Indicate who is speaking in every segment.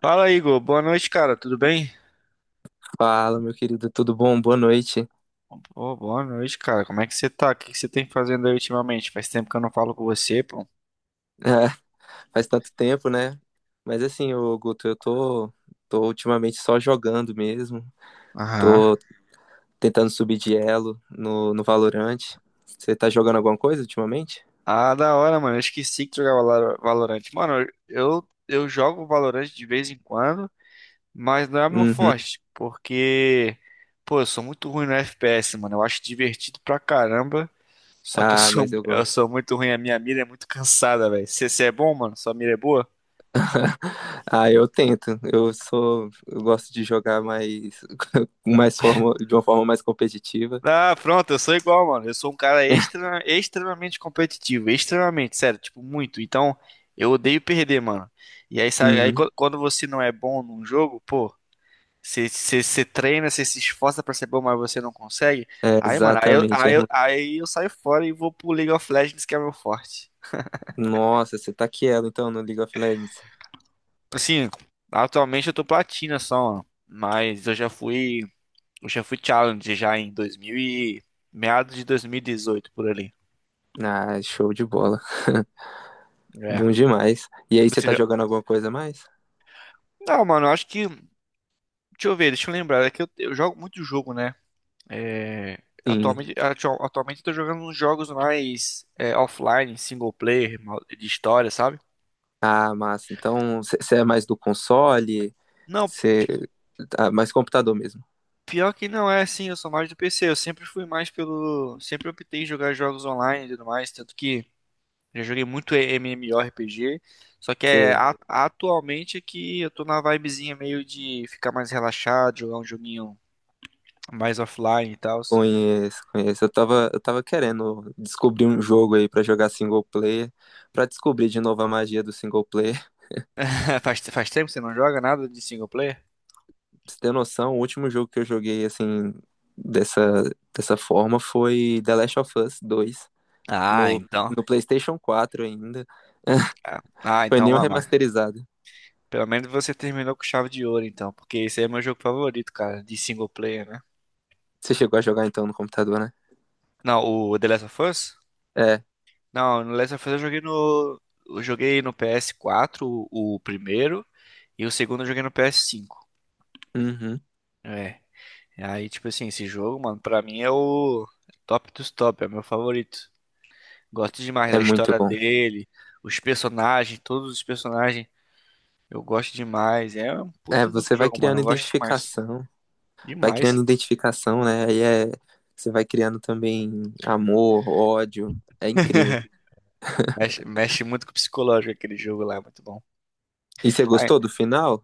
Speaker 1: Fala, Igor. Boa noite, cara. Tudo bem?
Speaker 2: Fala, meu querido, tudo bom? Boa noite.
Speaker 1: Pô, boa noite, cara. Como é que você tá? O que que você tem fazendo aí ultimamente? Faz tempo que eu não falo com você, pô.
Speaker 2: Faz tanto tempo, né? Mas assim, ô Guto, tô ultimamente só jogando mesmo.
Speaker 1: Aham.
Speaker 2: Tô tentando subir de elo no Valorant. Você tá jogando alguma coisa ultimamente?
Speaker 1: Ah, da hora, mano. Eu esqueci que jogava Valorant. Mano, eu jogo Valorant de vez em quando, mas não é meu
Speaker 2: Uhum.
Speaker 1: forte, porque, pô, eu sou muito ruim no FPS, mano. Eu acho divertido pra caramba, só que eu
Speaker 2: Ah,
Speaker 1: sou,
Speaker 2: mas eu
Speaker 1: eu
Speaker 2: gosto.
Speaker 1: sou muito ruim. A minha mira é muito cansada, velho. Você é bom, mano? Sua mira é boa?
Speaker 2: Ah, eu tento. Eu gosto de jogar mais, de uma forma mais competitiva.
Speaker 1: Ah, pronto, eu sou igual, mano. Eu sou um cara extremamente competitivo, extremamente, sério, tipo, muito. Então, eu odeio perder, mano. E aí, sabe, aí
Speaker 2: Uhum.
Speaker 1: quando você não é bom num jogo, pô, você treina, você se esforça pra ser bom, mas você não consegue.
Speaker 2: É,
Speaker 1: Aí, mano, aí eu,
Speaker 2: exatamente. É
Speaker 1: aí eu,
Speaker 2: ruim.
Speaker 1: aí eu saio fora e vou pro League of Legends, que é meu forte.
Speaker 2: Nossa, você tá quielo então no League of Legends.
Speaker 1: Assim, atualmente eu tô platina só, mano. Mas eu já fui challenge já em 2000 e meados de 2018 por ali.
Speaker 2: Ah, show de bola.
Speaker 1: É.
Speaker 2: Bom demais. E aí, você
Speaker 1: Você
Speaker 2: tá
Speaker 1: já-
Speaker 2: jogando alguma coisa a mais?
Speaker 1: Não, mano, eu acho que. Deixa eu ver, deixa eu lembrar. É que eu jogo muito jogo, né? É,
Speaker 2: Sim.
Speaker 1: atualmente eu tô jogando uns jogos mais é, offline, single player, de história, sabe?
Speaker 2: Ah, massa. Então, você é mais do console?
Speaker 1: Não,
Speaker 2: Você. Ah, mais computador mesmo.
Speaker 1: pior que não é assim, eu sou mais do PC. Eu sempre fui mais pelo. Sempre optei em jogar jogos online e tudo mais, tanto que já joguei muito MMORPG. Só que é,
Speaker 2: Você
Speaker 1: atualmente é que eu tô na vibezinha meio de ficar mais relaxado, jogar um joguinho mais offline e tal.
Speaker 2: conhece. Eu tava querendo descobrir um jogo aí pra jogar single player, pra descobrir de novo a magia do single player.
Speaker 1: Faz tempo que você não joga nada de single player?
Speaker 2: Pra você ter noção, o último jogo que eu joguei assim, dessa, dessa forma foi The Last of Us 2,
Speaker 1: Ah,
Speaker 2: no,
Speaker 1: então.
Speaker 2: no PlayStation 4 ainda.
Speaker 1: Ah, ah,
Speaker 2: Foi
Speaker 1: então,
Speaker 2: nem o
Speaker 1: mamá.
Speaker 2: remasterizado.
Speaker 1: Pelo menos você terminou com chave de ouro, então. Porque esse aí é meu jogo favorito, cara. De single player, né?
Speaker 2: Você chegou a jogar então no computador, né?
Speaker 1: Não, o The Last of Us?
Speaker 2: É.
Speaker 1: Não, no Last of Us eu joguei no. Eu joguei no PS4, o primeiro. E o segundo eu joguei no PS5.
Speaker 2: Uhum.
Speaker 1: É. E aí, tipo assim, esse jogo, mano, pra mim é o top dos top. É o meu favorito. Gosto demais
Speaker 2: É
Speaker 1: da
Speaker 2: muito
Speaker 1: história
Speaker 2: bom.
Speaker 1: dele, os personagens, todos os personagens. Eu gosto demais. É um
Speaker 2: É,
Speaker 1: puta de um
Speaker 2: você
Speaker 1: jogo, mano. Eu gosto demais.
Speaker 2: vai
Speaker 1: Demais.
Speaker 2: criando identificação, né? Aí é, você vai criando também amor, ódio. É incrível.
Speaker 1: Mexe muito com o psicológico aquele jogo lá, é muito bom.
Speaker 2: E você
Speaker 1: Ah,
Speaker 2: gostou do final?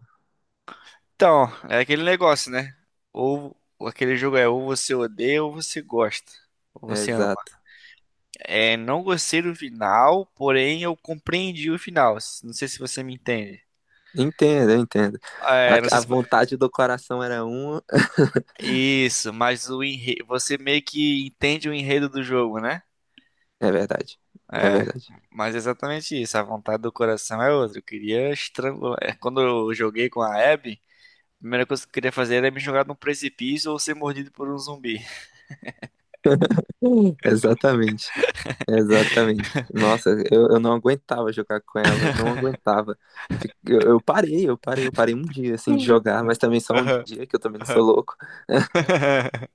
Speaker 1: então, é aquele negócio, né? Ou aquele jogo é ou você odeia ou você gosta. Ou
Speaker 2: É,
Speaker 1: você ama.
Speaker 2: exato.
Speaker 1: É, não gostei do final, porém eu compreendi o final. Não sei se você me entende.
Speaker 2: Eu entendo.
Speaker 1: É, não sei
Speaker 2: A
Speaker 1: se...
Speaker 2: vontade do coração era uma.
Speaker 1: Isso, mas você meio que entende o enredo do jogo, né?
Speaker 2: É verdade. É
Speaker 1: É,
Speaker 2: verdade.
Speaker 1: mas é exatamente isso. A vontade do coração é outra. Eu queria estrangular. É, quando eu joguei com a Abby, a primeira coisa que eu queria fazer era me jogar num precipício ou ser mordido por um zumbi.
Speaker 2: Hum. Exatamente. Exatamente. Nossa, eu não aguentava jogar com ela, não aguentava. Eu parei um dia assim de jogar, mas também só um
Speaker 1: Aham,
Speaker 2: dia, que eu também não sou
Speaker 1: aham.
Speaker 2: louco.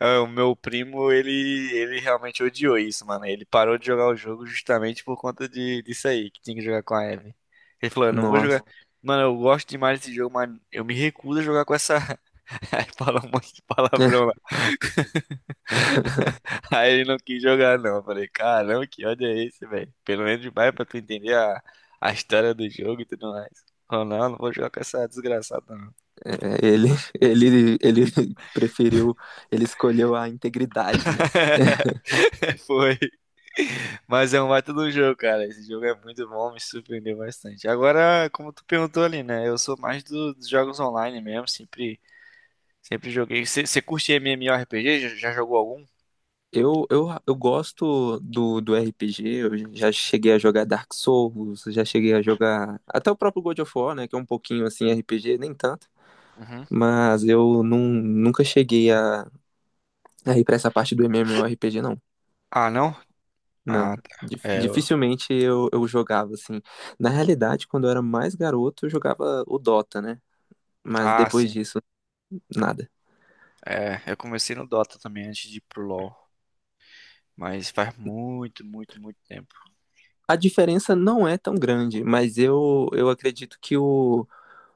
Speaker 1: Ah, o meu primo, ele realmente odiou isso, mano. Ele parou de jogar o jogo justamente por conta disso aí, que tinha que jogar com a Ellie. Ele falou, eu não vou
Speaker 2: Nossa.
Speaker 1: jogar. Mano, eu gosto demais desse jogo, mas eu me recuso a jogar com essa. Aí fala um monte de palavrão lá. Aí ele não quis jogar, não. Eu falei, caramba, que ódio é esse, velho? Pelo menos demais pra tu entender a história do jogo e tudo mais. Falou, não, não vou jogar com essa desgraçada, não.
Speaker 2: É, ele, ele preferiu, ele escolheu a integridade, né?
Speaker 1: Foi. Mas é um baita do jogo, cara. Esse jogo é muito bom, me surpreendeu bastante. Agora, como tu perguntou ali, né? Eu sou mais dos jogos online mesmo, sempre joguei. Você curte MMORPG? Já jogou algum?
Speaker 2: Eu gosto do RPG, eu já cheguei a jogar Dark Souls, já cheguei a jogar até o próprio God of War, né, que é um pouquinho assim RPG, nem tanto,
Speaker 1: Uhum.
Speaker 2: mas eu nunca cheguei a, aí pra essa parte do MMORPG, não.
Speaker 1: Ah, não? Ah,
Speaker 2: Não.
Speaker 1: tá. É, eu...
Speaker 2: Dificilmente eu jogava, assim. Na realidade, quando eu era mais garoto, eu jogava o Dota, né? Mas
Speaker 1: Ah,
Speaker 2: depois
Speaker 1: sim.
Speaker 2: disso, nada.
Speaker 1: É, eu comecei no Dota também antes de ir pro LoL. Mas faz muito, muito, muito tempo.
Speaker 2: A diferença não é tão grande, mas eu acredito que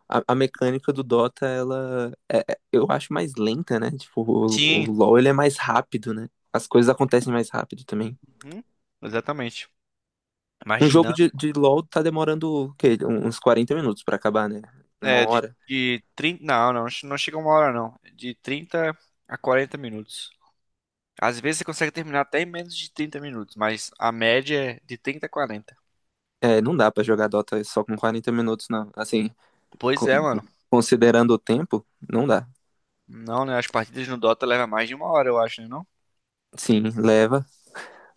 Speaker 2: a mecânica do Dota, eu acho mais lenta, né? Tipo, o
Speaker 1: Sim,
Speaker 2: LoL ele é mais rápido, né? As coisas acontecem mais rápido também.
Speaker 1: uhum, exatamente. Mais
Speaker 2: Um jogo
Speaker 1: dinâmico.
Speaker 2: de LoL tá demorando o quê? Uns 40 minutos pra acabar, né? Uma
Speaker 1: É, de,
Speaker 2: hora.
Speaker 1: de 30, não, não, não chega uma hora, não. De 30 a 40 minutos. Às vezes você consegue terminar até em menos de 30 minutos, mas a média é de 30 a 40.
Speaker 2: É, não dá pra jogar Dota só com 40 minutos, não. Assim,
Speaker 1: Pois
Speaker 2: co-
Speaker 1: é, mano.
Speaker 2: considerando o tempo, não dá.
Speaker 1: Não, né? As partidas no Dota levam mais de uma hora, eu acho, né? Não?
Speaker 2: Sim, leva.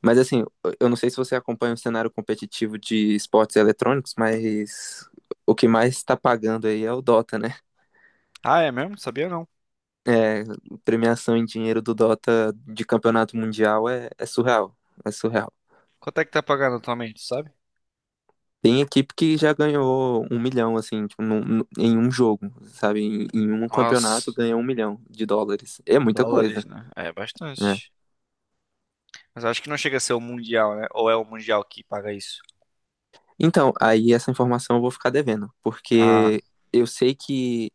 Speaker 2: Mas assim, eu não sei se você acompanha o cenário competitivo de esportes eletrônicos, mas o que mais tá pagando aí é o Dota, né?
Speaker 1: Ah, é mesmo? Sabia não.
Speaker 2: É, premiação em dinheiro do Dota de campeonato mundial é surreal. É surreal.
Speaker 1: Quanto é que tá pagando atualmente, sabe?
Speaker 2: Tem equipe que já ganhou 1 milhão, assim, tipo, em um jogo, sabe? Em um campeonato
Speaker 1: Nossa,
Speaker 2: ganha US$ 1 milhão. É muita
Speaker 1: dólares,
Speaker 2: coisa,
Speaker 1: né? É
Speaker 2: né?
Speaker 1: bastante. Mas acho que não chega a ser o Mundial, né? Ou é o Mundial que paga isso?
Speaker 2: Então, aí essa informação eu vou ficar devendo,
Speaker 1: Ah,
Speaker 2: porque eu sei que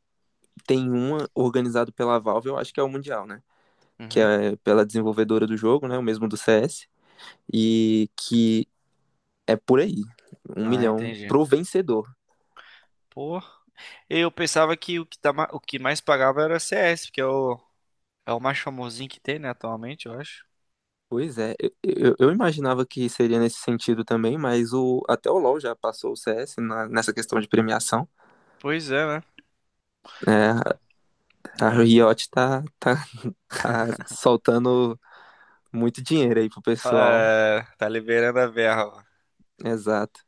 Speaker 2: tem uma organizado pela Valve, eu acho que é o Mundial, né? Que
Speaker 1: uhum.
Speaker 2: é pela desenvolvedora do jogo, né? O mesmo do CS, e que é por aí, um
Speaker 1: Ah,
Speaker 2: milhão
Speaker 1: entendi.
Speaker 2: pro vencedor.
Speaker 1: Pô, eu pensava que o que, tá, o que mais pagava era CS, porque é o mais famosinho que tem, né, atualmente, eu acho.
Speaker 2: Pois é, eu imaginava que seria nesse sentido também, mas o, até o LoL já passou o CS nessa questão de premiação,
Speaker 1: Pois é, né?
Speaker 2: né? A
Speaker 1: É.
Speaker 2: Riot tá soltando muito dinheiro aí pro pessoal.
Speaker 1: É, tá liberando a verba.
Speaker 2: Exato,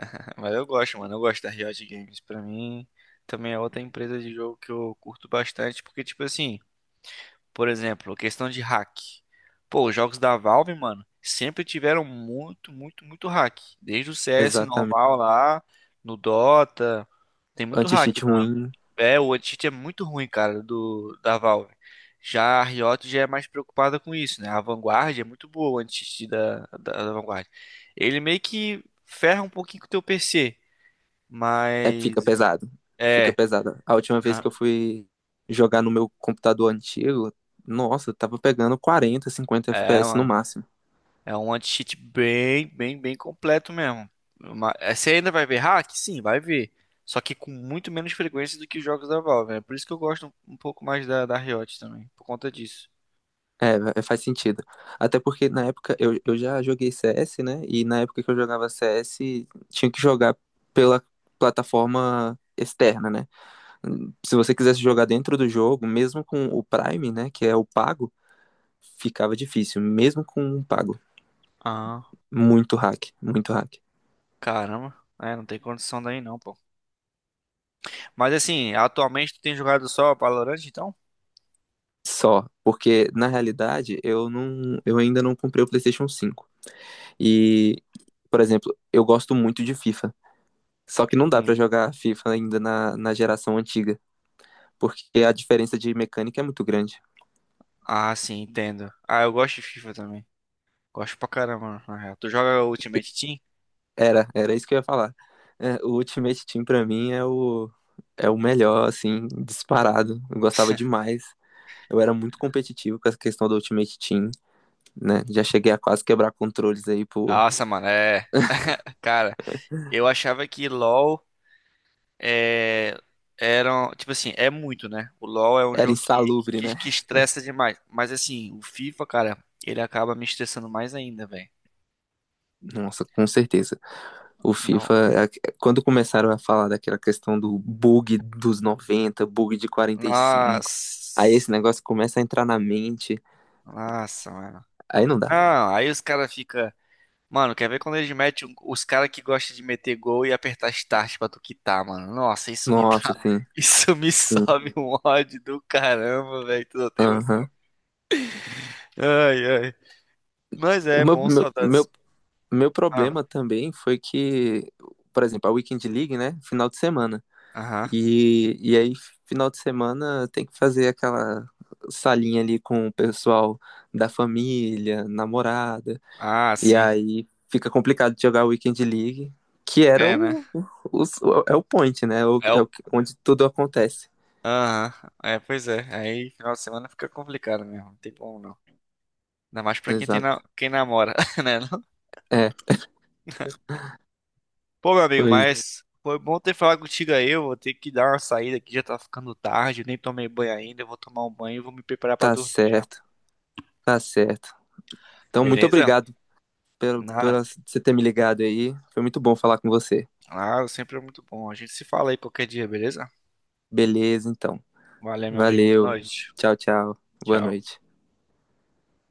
Speaker 1: Mas eu gosto, mano. Eu gosto da Riot Games. Pra mim, também é outra empresa de jogo que eu curto bastante. Porque, tipo assim, por exemplo, questão de hack. Pô, os jogos da Valve, mano, sempre tiveram muito, muito, muito hack. Desde o CS
Speaker 2: exatamente.
Speaker 1: normal lá, no Dota. Tem muito hack,
Speaker 2: Anti-cheat
Speaker 1: né?
Speaker 2: ruim.
Speaker 1: É, o Uncharted é muito ruim, cara, do da Valve. Já a Riot já é mais preocupada com isso, né? A Vanguard é muito boa, o Uncharted da Vanguard. Ele meio que ferra um pouquinho com o teu PC,
Speaker 2: É,
Speaker 1: mas
Speaker 2: fica pesado. Fica
Speaker 1: é,
Speaker 2: pesado. A última vez que
Speaker 1: ah,
Speaker 2: eu fui jogar no meu computador antigo, nossa, eu tava pegando 40, 50
Speaker 1: é,
Speaker 2: FPS no
Speaker 1: mano,
Speaker 2: máximo.
Speaker 1: é um anti-cheat bem, bem, bem completo mesmo. Você ainda vai ver hack? Sim, vai ver. Só que com muito menos frequência do que os jogos da Valve. É por isso que eu gosto um pouco mais da Riot também, por conta disso.
Speaker 2: É, faz sentido. Até porque na época eu já joguei CS, né? E na época que eu jogava CS, tinha que jogar pela plataforma externa, né? Se você quisesse jogar dentro do jogo, mesmo com o Prime, né? Que é o pago, ficava difícil. Mesmo com o pago.
Speaker 1: Ah,
Speaker 2: Muito hack, muito hack.
Speaker 1: caramba. É, não tem condição daí não, pô. Mas assim, atualmente tu tem jogado só Valorant, então?
Speaker 2: Só, porque na realidade eu ainda não comprei o PlayStation 5. E, por exemplo, eu gosto muito de FIFA. Só que não dá pra
Speaker 1: Uhum.
Speaker 2: jogar FIFA ainda na geração antiga, porque a diferença de mecânica é muito grande.
Speaker 1: Ah, sim, entendo. Ah, eu gosto de FIFA também. Gosto pra caramba, na real. Tu joga Ultimate Team?
Speaker 2: Era isso que eu ia falar. É, o Ultimate Team pra mim é o é o melhor assim, disparado. Eu gostava demais. Eu era muito competitivo com essa questão do Ultimate Team, né? Já cheguei a quase quebrar controles aí por
Speaker 1: Nossa, mano, é. Cara, eu achava que LoL é... Tipo assim, é muito, né? O LoL é um
Speaker 2: era
Speaker 1: jogo que,
Speaker 2: insalubre,
Speaker 1: que,
Speaker 2: né?
Speaker 1: que estressa demais. Mas assim, o FIFA, cara, ele acaba me estressando mais ainda, velho.
Speaker 2: Nossa, com certeza. O
Speaker 1: Não.
Speaker 2: FIFA, a- Quando começaram a falar daquela questão do bug dos 90, bug de 45, aí esse
Speaker 1: Nossa.
Speaker 2: negócio começa a entrar na mente,
Speaker 1: Nossa, mano.
Speaker 2: aí não dá.
Speaker 1: Não, aí os caras ficam. Mano, quer ver quando eles metem os caras que gostam de meter gol e apertar start pra tu quitar, mano? Nossa, isso me dá.
Speaker 2: Nossa, sim.
Speaker 1: Isso me
Speaker 2: Sim.
Speaker 1: sobe um ódio do caramba, velho. Tu não tem
Speaker 2: Aham.
Speaker 1: noção. Ai, ai. Mas
Speaker 2: O
Speaker 1: é
Speaker 2: meu,
Speaker 1: bom,
Speaker 2: meu,
Speaker 1: saudades.
Speaker 2: meu, meu
Speaker 1: Ah,
Speaker 2: problema também foi que, por exemplo, a Weekend League, né? Final de semana.
Speaker 1: aham.
Speaker 2: E, e aí, final de semana, tem que fazer aquela salinha ali com o pessoal da família, namorada.
Speaker 1: Ah,
Speaker 2: E
Speaker 1: sim.
Speaker 2: aí fica complicado de jogar Weekend League, que era
Speaker 1: É, né?
Speaker 2: o- é o point, né?
Speaker 1: É
Speaker 2: É o,
Speaker 1: o.
Speaker 2: onde tudo acontece.
Speaker 1: Aham. É, pois é. Aí, final de semana fica complicado mesmo. Não tem como não. Ainda mais pra quem tem
Speaker 2: Exato.
Speaker 1: quem namora, né?
Speaker 2: É,
Speaker 1: Pô, meu amigo,
Speaker 2: pois
Speaker 1: mas foi bom ter falado contigo aí. Eu vou ter que dar uma saída aqui, já tá ficando tarde, eu nem tomei banho ainda. Eu vou tomar um banho e vou me preparar pra
Speaker 2: tá
Speaker 1: dormir já.
Speaker 2: certo, tá certo. Então, muito
Speaker 1: Beleza?
Speaker 2: obrigado
Speaker 1: Ah,
Speaker 2: pela você ter me ligado aí. Foi muito bom falar com você.
Speaker 1: ah, sempre é muito bom. A gente se fala aí qualquer dia, beleza?
Speaker 2: Beleza, então.
Speaker 1: Valeu, meu amigo. Boa
Speaker 2: Valeu.
Speaker 1: noite.
Speaker 2: Tchau, tchau. Boa
Speaker 1: Tchau.
Speaker 2: noite.